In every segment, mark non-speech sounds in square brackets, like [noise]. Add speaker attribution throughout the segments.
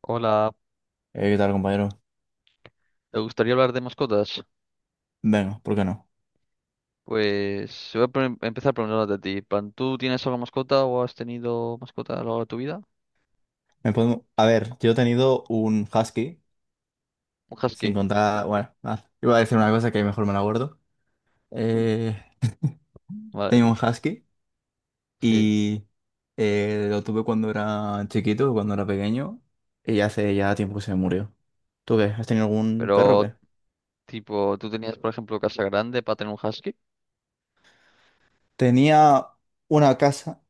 Speaker 1: Hola,
Speaker 2: ¿qué tal, compañero?
Speaker 1: ¿te gustaría hablar de mascotas?
Speaker 2: Venga, ¿por qué no?
Speaker 1: Pues voy a empezar preguntándote a ti. Pan, ¿tú tienes alguna mascota o has tenido mascota a lo largo de tu vida?
Speaker 2: Me puedo... A ver, yo he tenido un husky,
Speaker 1: Un husky.
Speaker 2: sin contar... Bueno, nada, iba a decir una cosa que mejor me la guardo. Eh,
Speaker 1: Vale,
Speaker 2: Tenía un husky
Speaker 1: sí.
Speaker 2: y lo tuve cuando era chiquito, cuando era pequeño, y hace ya tiempo que se murió. ¿Tú qué? ¿Has tenido algún perro o
Speaker 1: Pero,
Speaker 2: qué?
Speaker 1: tipo, ¿tú tenías, por ejemplo, casa grande para tener un husky?
Speaker 2: Tenía una casa.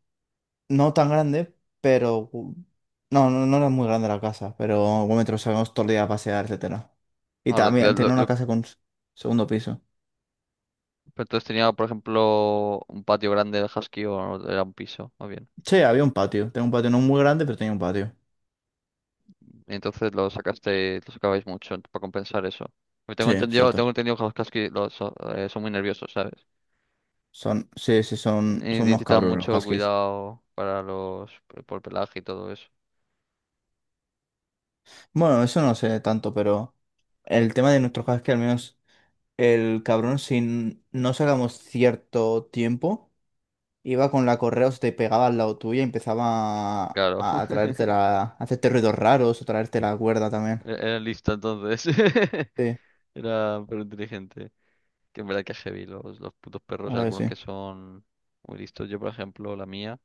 Speaker 2: No tan grande, pero... no era muy grande la casa, pero un metro salíamos todo el día a pasear, etcétera. Y
Speaker 1: Ahora,
Speaker 2: también tiene una casa con segundo piso.
Speaker 1: pero tú has, por ejemplo, un patio grande del husky o era un piso, más bien.
Speaker 2: Sí, había un patio. Tenía un patio no muy grande, pero tenía un patio.
Speaker 1: Entonces lo sacaste, lo sacabais mucho para compensar eso. Porque tengo
Speaker 2: Sí,
Speaker 1: entendido,
Speaker 2: exacto.
Speaker 1: tengo entendido que los husky los, son muy nerviosos, ¿sabes?
Speaker 2: Son, sí, sí, son unos
Speaker 1: Necesitaba
Speaker 2: cabrones los
Speaker 1: mucho
Speaker 2: huskies.
Speaker 1: cuidado para los, por pelaje y todo eso.
Speaker 2: Bueno, eso no sé tanto, pero el tema de nuestros huskies, al menos el cabrón, si no sacamos cierto tiempo. Iba con la correa, o se te pegaba al lado tuyo y empezaba
Speaker 1: Claro, [laughs]
Speaker 2: a a hacerte ruidos raros o traerte la cuerda también.
Speaker 1: era lista entonces. [laughs]
Speaker 2: Sí,
Speaker 1: Era pero inteligente. Que en verdad que es heavy los putos perros,
Speaker 2: ahora que
Speaker 1: algunos
Speaker 2: sí.
Speaker 1: que son muy listos. Yo, por ejemplo, la mía,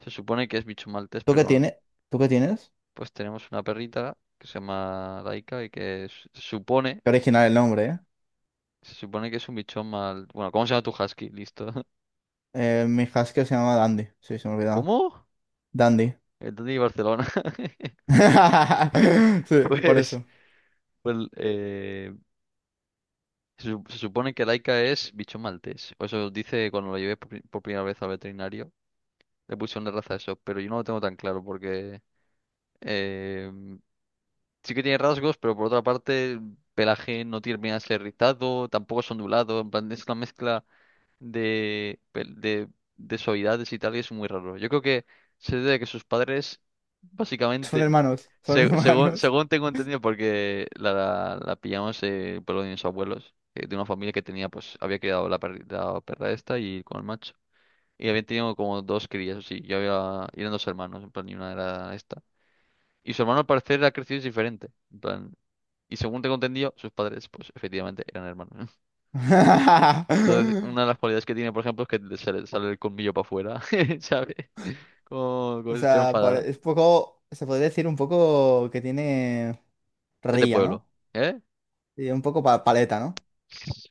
Speaker 1: se supone que es bicho maltés,
Speaker 2: ¿Tú qué
Speaker 1: pero
Speaker 2: tienes? ¿Tú qué tienes?
Speaker 1: pues tenemos una perrita que se llama Laika y que
Speaker 2: Qué original el nombre, ¿eh?
Speaker 1: se supone que es un bichón mal. Bueno, ¿cómo se llama tu husky? Listo. [laughs]
Speaker 2: Mi husky se llama Dandy. Sí, se me olvidaba.
Speaker 1: ¿Cómo?
Speaker 2: Dandy.
Speaker 1: El Tony de Barcelona. [laughs]
Speaker 2: [laughs] Sí, por
Speaker 1: Pues,
Speaker 2: eso.
Speaker 1: pues se, se supone que Laika es bichón maltés. O eso dice cuando lo llevé por, por primera vez al veterinario. Le pusieron de raza eso, pero yo no lo tengo tan claro porque eh, sí que tiene rasgos, pero por otra parte el pelaje no termina de ser rizado, tampoco es ondulado. En plan, es una mezcla de, de suavidades y tal, y es muy raro. Yo creo que se debe a que sus padres,
Speaker 2: Son
Speaker 1: básicamente,
Speaker 2: hermanos, son
Speaker 1: según,
Speaker 2: hermanos.
Speaker 1: según tengo entendido, porque la pillamos por lo de mis abuelos, de una familia que tenía, pues, había criado la, la perra esta y con el macho. Y habían tenido como dos crías, o sí, yo había, y eran dos hermanos, en plan, y una era esta. Y su hermano al parecer ha crecido diferente, en plan, y según tengo entendido, sus padres, pues, efectivamente, eran hermanos. Entonces,
Speaker 2: [laughs]
Speaker 1: una de las cualidades que tiene, por ejemplo, es que le sale, sale el colmillo para afuera, [laughs] ¿sabes? Como, como
Speaker 2: O
Speaker 1: si estuviera
Speaker 2: sea,
Speaker 1: enfadada.
Speaker 2: es poco, se podría decir un poco que tiene
Speaker 1: Es de
Speaker 2: rilla,
Speaker 1: pueblo,
Speaker 2: ¿no?
Speaker 1: ¿eh?
Speaker 2: Y un poco paleta, ¿no?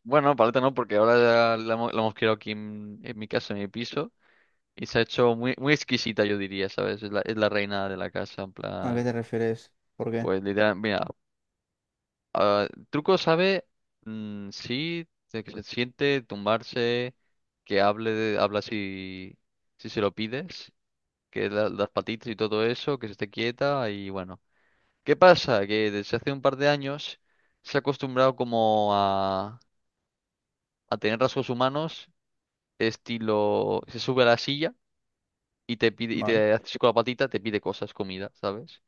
Speaker 1: Bueno, paleta no, porque ahora la, la hemos criado aquí en mi casa, en mi piso, y se ha hecho muy, muy exquisita, yo diría, ¿sabes? Es la reina de la casa, en
Speaker 2: ¿A qué
Speaker 1: plan,
Speaker 2: te refieres? ¿Por qué?
Speaker 1: pues literal, mira, ah, truco sabe, sí, de que se siente, tumbarse, que hable, habla si, si se lo pides, que las patitas y todo eso, que se esté quieta, y bueno. ¿Qué pasa? Que desde hace un par de años se ha acostumbrado como a tener rasgos humanos, estilo, se sube a la silla y te pide, y
Speaker 2: Vale.
Speaker 1: te hace así con la patita, te pide cosas, comida, ¿sabes?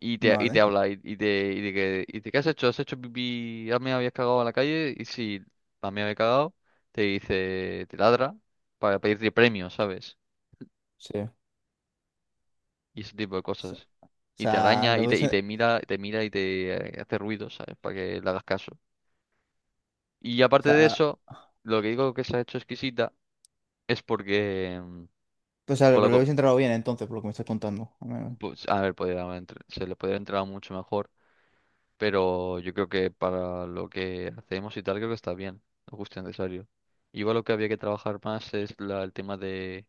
Speaker 1: Y te
Speaker 2: Vale.
Speaker 1: habla, y te, y de que, y de, ¿qué has hecho? ¿Has hecho pipí? ¿Ah, me habías cagado en la calle? Y si me había cagado, te dice, te ladra para pedirte premios, ¿sabes?
Speaker 2: Sí.
Speaker 1: Y ese tipo de
Speaker 2: O
Speaker 1: cosas. Y te
Speaker 2: sea,
Speaker 1: araña, y te mira y te hace ruidos, ¿sabes? Para que le hagas caso. Y
Speaker 2: o
Speaker 1: aparte de
Speaker 2: sea,
Speaker 1: eso, lo que digo que se ha hecho exquisita es porque con
Speaker 2: pero lo hubiese entrado bien entonces, por lo que me estás contando, al menos.
Speaker 1: pues, a ver, podría haber se le podría entrar mucho mejor, pero yo creo que para lo que hacemos y tal, creo que está bien, lo justo y necesario. Igual lo que había que trabajar más es el tema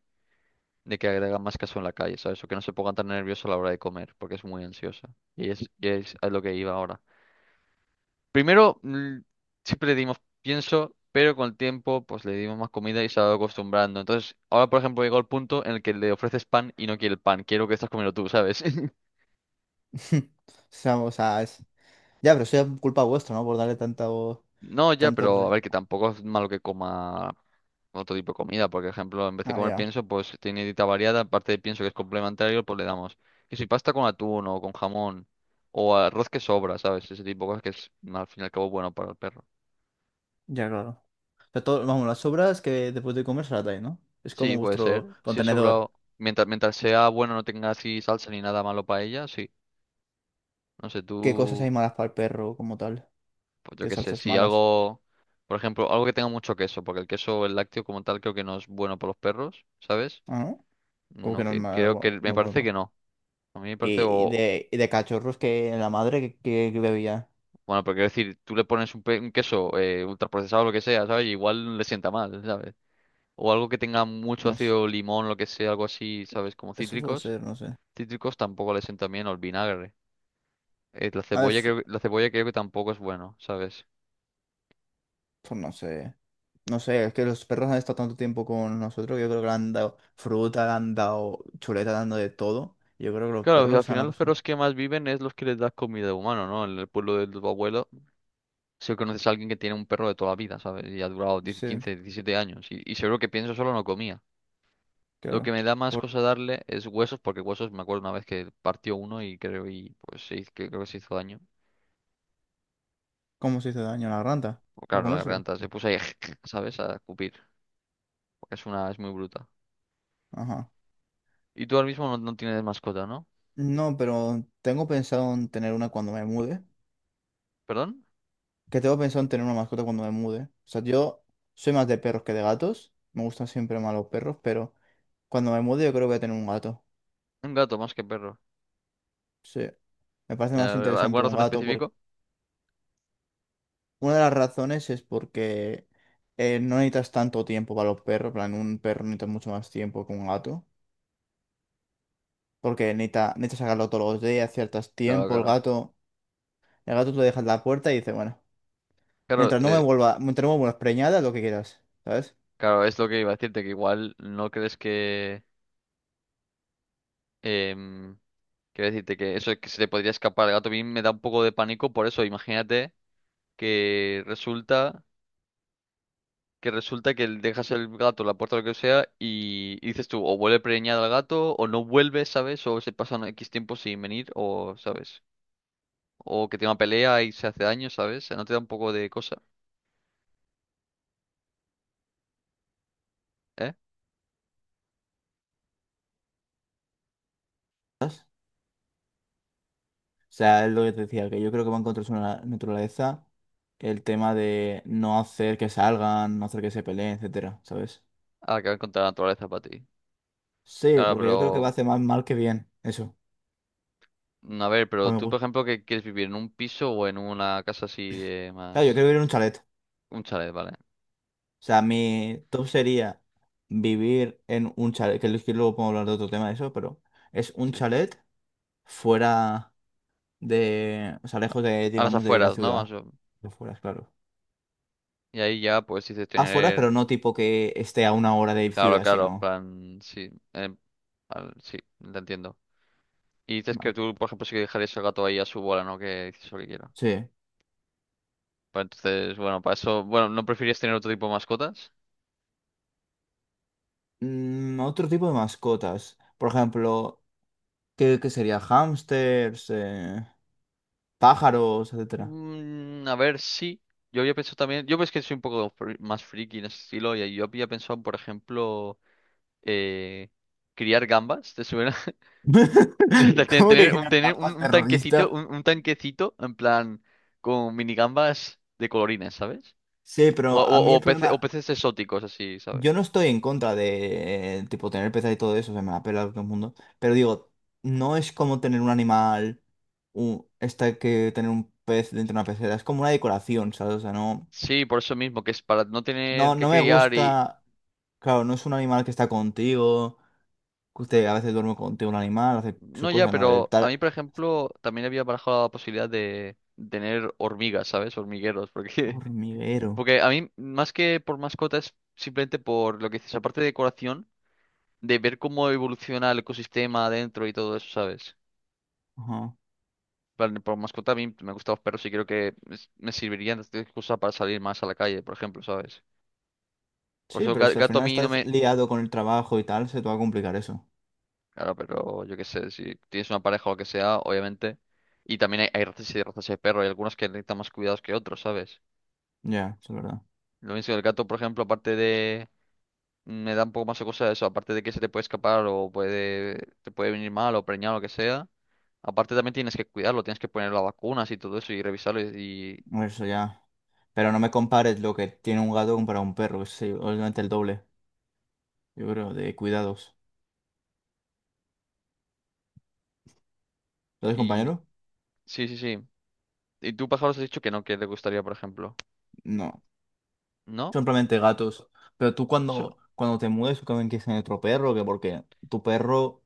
Speaker 1: de que agregan más caso en la calle, ¿sabes? O que no se pongan tan nerviosos a la hora de comer, porque es muy ansiosa. Y es a lo que iba ahora. Primero, siempre le dimos pienso, pero con el tiempo, pues le dimos más comida y se ha ido acostumbrando. Entonces, ahora, por ejemplo, llegó el punto en el que le ofreces pan y no quiere el pan. Quiero que estás comiendo tú, ¿sabes? [laughs]
Speaker 2: [laughs] O sea, es... Ya, pero eso ya es culpa vuestra, ¿no? Por darle tanto,
Speaker 1: No, ya,
Speaker 2: tanto
Speaker 1: pero a
Speaker 2: re...
Speaker 1: ver, que tampoco es malo que coma otro tipo de comida. Por ejemplo, en vez de
Speaker 2: Ah,
Speaker 1: comer
Speaker 2: ya.
Speaker 1: pienso, pues tiene dieta variada. Aparte de pienso que es complementario, pues le damos. Que si pasta con atún o con jamón o arroz que sobra, ¿sabes? Ese tipo de cosas que es, al fin y al cabo, bueno para el perro.
Speaker 2: Ya, claro. O sea, todo, vamos, las sobras que después de comer se las dais, ¿no? Es como
Speaker 1: Sí, puede
Speaker 2: vuestro
Speaker 1: ser. Si es
Speaker 2: contenedor.
Speaker 1: sobrado, mientras, mientras sea bueno, no tenga así salsa ni nada malo para ella, sí. No sé,
Speaker 2: ¿Qué cosas
Speaker 1: tú,
Speaker 2: hay malas para el perro como tal?
Speaker 1: pues yo
Speaker 2: ¿Qué
Speaker 1: qué sé,
Speaker 2: salsas
Speaker 1: si
Speaker 2: malas?
Speaker 1: algo, por ejemplo, algo que tenga mucho queso, porque el queso, el lácteo como tal, creo que no es bueno para los perros, ¿sabes?
Speaker 2: Ah, ¿no? Como que
Speaker 1: No,
Speaker 2: no es
Speaker 1: que creo
Speaker 2: malo,
Speaker 1: que me
Speaker 2: no pues,
Speaker 1: parece que
Speaker 2: bueno.
Speaker 1: no. A mí me parece,
Speaker 2: Y,
Speaker 1: o,
Speaker 2: y de cachorros que la madre que, que bebía.
Speaker 1: bueno, pero quiero decir, tú le pones un, un queso ultraprocesado, o lo que sea, ¿sabes? Y igual le sienta mal, ¿sabes? O algo que tenga mucho
Speaker 2: No sé,
Speaker 1: ácido limón, lo que sea, algo así, ¿sabes? Como
Speaker 2: eso puede
Speaker 1: cítricos.
Speaker 2: ser, no sé.
Speaker 1: Cítricos tampoco le sienta bien, o el vinagre. La
Speaker 2: A ver.
Speaker 1: cebolla creo, la cebolla creo que tampoco es bueno, ¿sabes?
Speaker 2: Pues no sé. No sé, es que los perros han estado tanto tiempo con nosotros que yo creo que le han dado fruta, le han dado chuleta, le han dado de todo. Yo creo que los
Speaker 1: Claro, pues, al
Speaker 2: perros se han
Speaker 1: final los
Speaker 2: acostumbrado.
Speaker 1: perros que más viven es los que les das comida de humano, ¿no? En el pueblo de tu abuelo, si conoces a alguien que tiene un perro de toda la vida, ¿sabes? Y ha durado diez
Speaker 2: Sí,
Speaker 1: quince diecisiete años. Y seguro que pienso solo no comía. Lo que
Speaker 2: claro.
Speaker 1: me da más
Speaker 2: ¿Por
Speaker 1: cosa darle es huesos, porque huesos me acuerdo una vez que partió uno y creo y pues que creo que se hizo daño.
Speaker 2: cómo se hizo daño a la rata?
Speaker 1: O
Speaker 2: ¿Para
Speaker 1: claro, la
Speaker 2: comérselo?
Speaker 1: garganta se puso ahí, [laughs] ¿sabes? A cupir, porque es una, es muy bruta.
Speaker 2: Ajá.
Speaker 1: Y tú ahora mismo no, no tienes mascota, ¿no?
Speaker 2: No, pero tengo pensado en tener una cuando me mude.
Speaker 1: ¿Perdón?
Speaker 2: Que tengo pensado en tener una mascota cuando me mude. O sea, yo soy más de perros que de gatos. Me gustan siempre más los perros, pero cuando me mude yo creo que voy a tener un gato.
Speaker 1: Un gato más que perro.
Speaker 2: Sí. Me parece más interesante
Speaker 1: ¿Alguna
Speaker 2: un
Speaker 1: razón
Speaker 2: gato
Speaker 1: específica?
Speaker 2: porque... Una de las razones es porque no necesitas tanto tiempo para los perros, en plan, un perro necesita mucho más tiempo que un gato, porque necesita, necesitas sacarlo todos los días, ciertos
Speaker 1: Claro,
Speaker 2: tiempos,
Speaker 1: claro.
Speaker 2: el gato tú le dejas la puerta y dice, bueno,
Speaker 1: Claro,
Speaker 2: mientras no me vuelvas preñada, lo que quieras, ¿sabes?
Speaker 1: claro, es lo que iba a decirte, que igual no crees que... em, quiero decirte que eso es que se le podría escapar al gato. A mí me da un poco de pánico por eso. Imagínate que resulta que resulta que le dejas el gato, la puerta, lo que sea, y dices tú, o vuelve preñado al gato, o no vuelve, ¿sabes? O se pasan X tiempo sin venir, o, ¿sabes? O que tiene una pelea y se hace daño, ¿sabes? ¿No te da un poco de cosa, eh?
Speaker 2: ¿Sabes? O sea, es lo que te decía, que yo creo que va en contra de su naturaleza el tema de no hacer que salgan, no hacer que se peleen, etcétera, ¿sabes?
Speaker 1: Ah, que va contra la naturaleza para ti.
Speaker 2: Sí, porque yo creo que va a
Speaker 1: Claro,
Speaker 2: hacer más mal que bien, eso,
Speaker 1: a ver, pero
Speaker 2: para mi
Speaker 1: tú, por
Speaker 2: gusto.
Speaker 1: ejemplo, ¿qué quieres vivir? ¿En un piso o en una casa así de
Speaker 2: Claro, yo
Speaker 1: más...
Speaker 2: quiero vivir en un chalet.
Speaker 1: Un chalet, vale.
Speaker 2: O sea, mi top sería vivir en un chalet, que luego podemos hablar de otro tema de eso, pero es un
Speaker 1: Sí.
Speaker 2: chalet fuera de, o sea, lejos de,
Speaker 1: A las
Speaker 2: digamos, de la
Speaker 1: afueras, ¿no? Más
Speaker 2: ciudad. Afuera, claro.
Speaker 1: y ahí ya, pues, dices
Speaker 2: Afuera, pero
Speaker 1: tener...
Speaker 2: no tipo que esté a una hora de
Speaker 1: Claro,
Speaker 2: ciudad,
Speaker 1: claro, en
Speaker 2: sino...
Speaker 1: plan... Sí, sí, te entiendo. Y dices que
Speaker 2: Vale.
Speaker 1: tú, por ejemplo, sí que dejarías el gato ahí a su bola, ¿no? Que dices lo que quiera.
Speaker 2: Sí.
Speaker 1: Pues entonces, bueno, para eso... Bueno, ¿no preferirías tener otro tipo de mascotas?
Speaker 2: Mm, otro tipo de mascotas. Por ejemplo, qué sería? Hámsters, pájaros, etcétera.
Speaker 1: Mm, a ver, sí. Yo había pensado también... Yo pues que soy un poco más friki en ese estilo y yo había pensado, por ejemplo... eh, criar gambas, ¿te suena?
Speaker 2: [laughs]
Speaker 1: [laughs] De Tener,
Speaker 2: ¿Cómo que
Speaker 1: tener un,
Speaker 2: quedar
Speaker 1: tener un,
Speaker 2: más
Speaker 1: un tanquecito,
Speaker 2: terrorista?
Speaker 1: un tanquecito en plan con minigambas de colorines, ¿sabes?
Speaker 2: Sí,
Speaker 1: O,
Speaker 2: pero a mí el
Speaker 1: o
Speaker 2: problema...
Speaker 1: peces exóticos, así, ¿sabes?
Speaker 2: Yo no estoy en contra de, tipo, tener peces y todo eso, se me la pela todo el mundo. Pero digo, no es como tener un animal, esta que tener un pez dentro de una pecera, es como una decoración, ¿sabes? O sea, no,
Speaker 1: Sí, por eso mismo, que es para no tener que
Speaker 2: no me
Speaker 1: criar y...
Speaker 2: gusta, claro, no es un animal que está contigo, que usted a veces duerme contigo un animal, hace sus
Speaker 1: No ya,
Speaker 2: cosas, ¿no? El
Speaker 1: pero a
Speaker 2: tal
Speaker 1: mí, por ejemplo, también había barajado la posibilidad de tener hormigas, ¿sabes? Hormigueros, porque... [laughs]
Speaker 2: hormiguero.
Speaker 1: Porque a mí, más que por mascotas, simplemente por lo que dices, aparte de decoración, de ver cómo evoluciona el ecosistema adentro y todo eso, ¿sabes?
Speaker 2: Ajá.
Speaker 1: Plan, por mascota a mí me gustan los perros y creo que me servirían de excusa para salir más a la calle, por ejemplo, ¿sabes? Por
Speaker 2: Sí,
Speaker 1: eso
Speaker 2: pero si al
Speaker 1: gato a
Speaker 2: final
Speaker 1: mí no
Speaker 2: estás
Speaker 1: me...
Speaker 2: liado con el trabajo y tal, se te va a complicar eso.
Speaker 1: Claro, pero yo qué sé, si tienes una pareja o lo que sea, obviamente. Y también hay razas y razas de perro, hay algunos que necesitan más cuidados que otros, ¿sabes?
Speaker 2: Ya, eso es verdad.
Speaker 1: Lo mismo que el gato, por ejemplo, aparte de... Me da un poco más de cosa eso, aparte de que se te puede escapar o puede... te puede venir mal o preñar o lo que sea. Aparte también tienes que cuidarlo, tienes que poner las vacunas y todo eso y revisarlo
Speaker 2: Eso ya. Pero no me compares lo que tiene un gato para un perro, es obviamente el doble, yo creo, de cuidados. ¿Lo ves,
Speaker 1: y... y-
Speaker 2: compañero?
Speaker 1: sí, sí, sí. Y tú, pájaros, has dicho que no, que te gustaría, por ejemplo.
Speaker 2: No.
Speaker 1: ¿No?
Speaker 2: Simplemente gatos. Pero tú
Speaker 1: Sol-
Speaker 2: cuando, cuando te mudes, tú también quieres tener otro perro, que porque tu perro,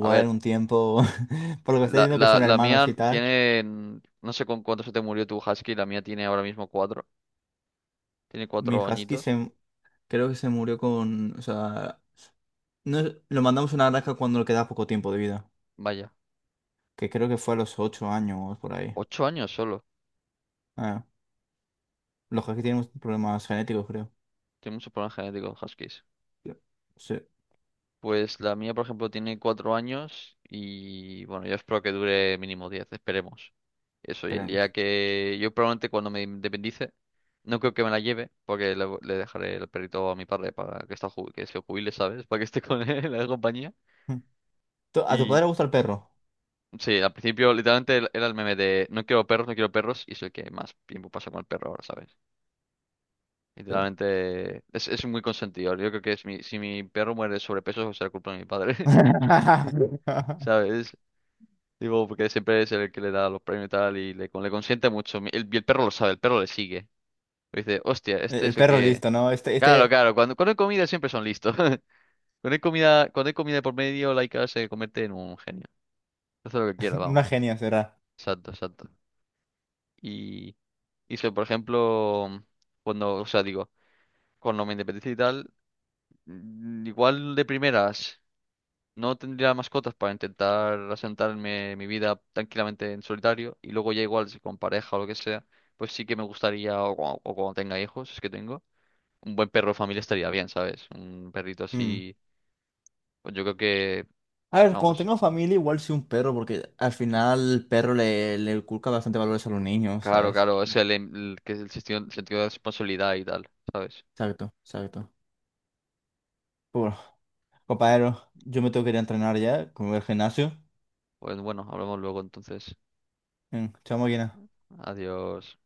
Speaker 1: a
Speaker 2: en
Speaker 1: ver,
Speaker 2: un tiempo, [laughs] por lo que estás
Speaker 1: la,
Speaker 2: diciendo que
Speaker 1: la,
Speaker 2: son
Speaker 1: la
Speaker 2: hermanos
Speaker 1: mía
Speaker 2: y tal,
Speaker 1: tiene. No sé con cuánto se te murió tu husky, la mía tiene ahora mismo cuatro. Tiene
Speaker 2: mi
Speaker 1: cuatro
Speaker 2: husky
Speaker 1: añitos.
Speaker 2: se, creo que se murió con, o sea, no es- lo mandamos a una granja cuando le queda poco tiempo de vida,
Speaker 1: Vaya,
Speaker 2: que creo que fue a los 8 años por ahí.
Speaker 1: 8 años solo.
Speaker 2: Ah, los huskies tienen problemas genéticos, creo.
Speaker 1: Tiene muchos problemas genéticos los huskies.
Speaker 2: Sí,
Speaker 1: Pues la mía, por ejemplo, tiene 4 años y bueno, yo espero que dure mínimo 10, esperemos. Eso, y el día
Speaker 2: esperemos.
Speaker 1: que yo probablemente cuando me independice, no creo que me la lleve, porque le dejaré el perrito a mi padre para que, está, que se jubile, ¿sabes? Para que esté con [laughs] él en la compañía.
Speaker 2: Tu- A tu padre
Speaker 1: Y
Speaker 2: le gusta el perro.
Speaker 1: sí, al principio literalmente era el meme de no quiero perros, no quiero perros, y soy el que más tiempo pasa con el perro ahora, ¿sabes?
Speaker 2: Sí.
Speaker 1: Literalmente es muy consentido. Yo creo que es mi, si mi perro muere de sobrepeso, será culpa de mi padre, [laughs]
Speaker 2: [laughs]
Speaker 1: ¿sabes? Digo, porque siempre es el que le da los premios y tal, y le, le consiente mucho. El, y el perro lo sabe, el perro le sigue. Y dice, hostia,
Speaker 2: El
Speaker 1: este es el
Speaker 2: perro
Speaker 1: que...
Speaker 2: listo, ¿no? Este,
Speaker 1: Claro, claro, cuando, cuando hay comida siempre son listos. [laughs] Cuando hay comida por medio, Laika se convierte en un genio. Hace lo que quiera,
Speaker 2: [laughs] una
Speaker 1: vamos.
Speaker 2: genia será.
Speaker 1: Exacto, exacto. Y hice, por ejemplo, cuando, o sea, digo, cuando me independicé y tal, igual de primeras no tendría mascotas para intentar asentarme mi vida tranquilamente en solitario y luego ya igual si con pareja o lo que sea, pues sí que me gustaría, o, o cuando tenga hijos, es que tengo, un buen perro de familia estaría bien, ¿sabes? Un perrito
Speaker 2: Mm.
Speaker 1: así, pues yo creo que,
Speaker 2: A ver, cuando
Speaker 1: vamos,
Speaker 2: tengo familia, igual sí un perro, porque al final el perro le, le inculca bastante valores a los niños,
Speaker 1: claro,
Speaker 2: ¿sabes?
Speaker 1: claro, es el, el que el sentido, sentido de responsabilidad y tal, ¿sabes?
Speaker 2: Exacto, exacto. Pero bueno, compañero, yo me tengo que ir a entrenar ya, como el gimnasio.
Speaker 1: Pues bueno, hablamos luego entonces.
Speaker 2: Mm, chao, máquina.
Speaker 1: Adiós.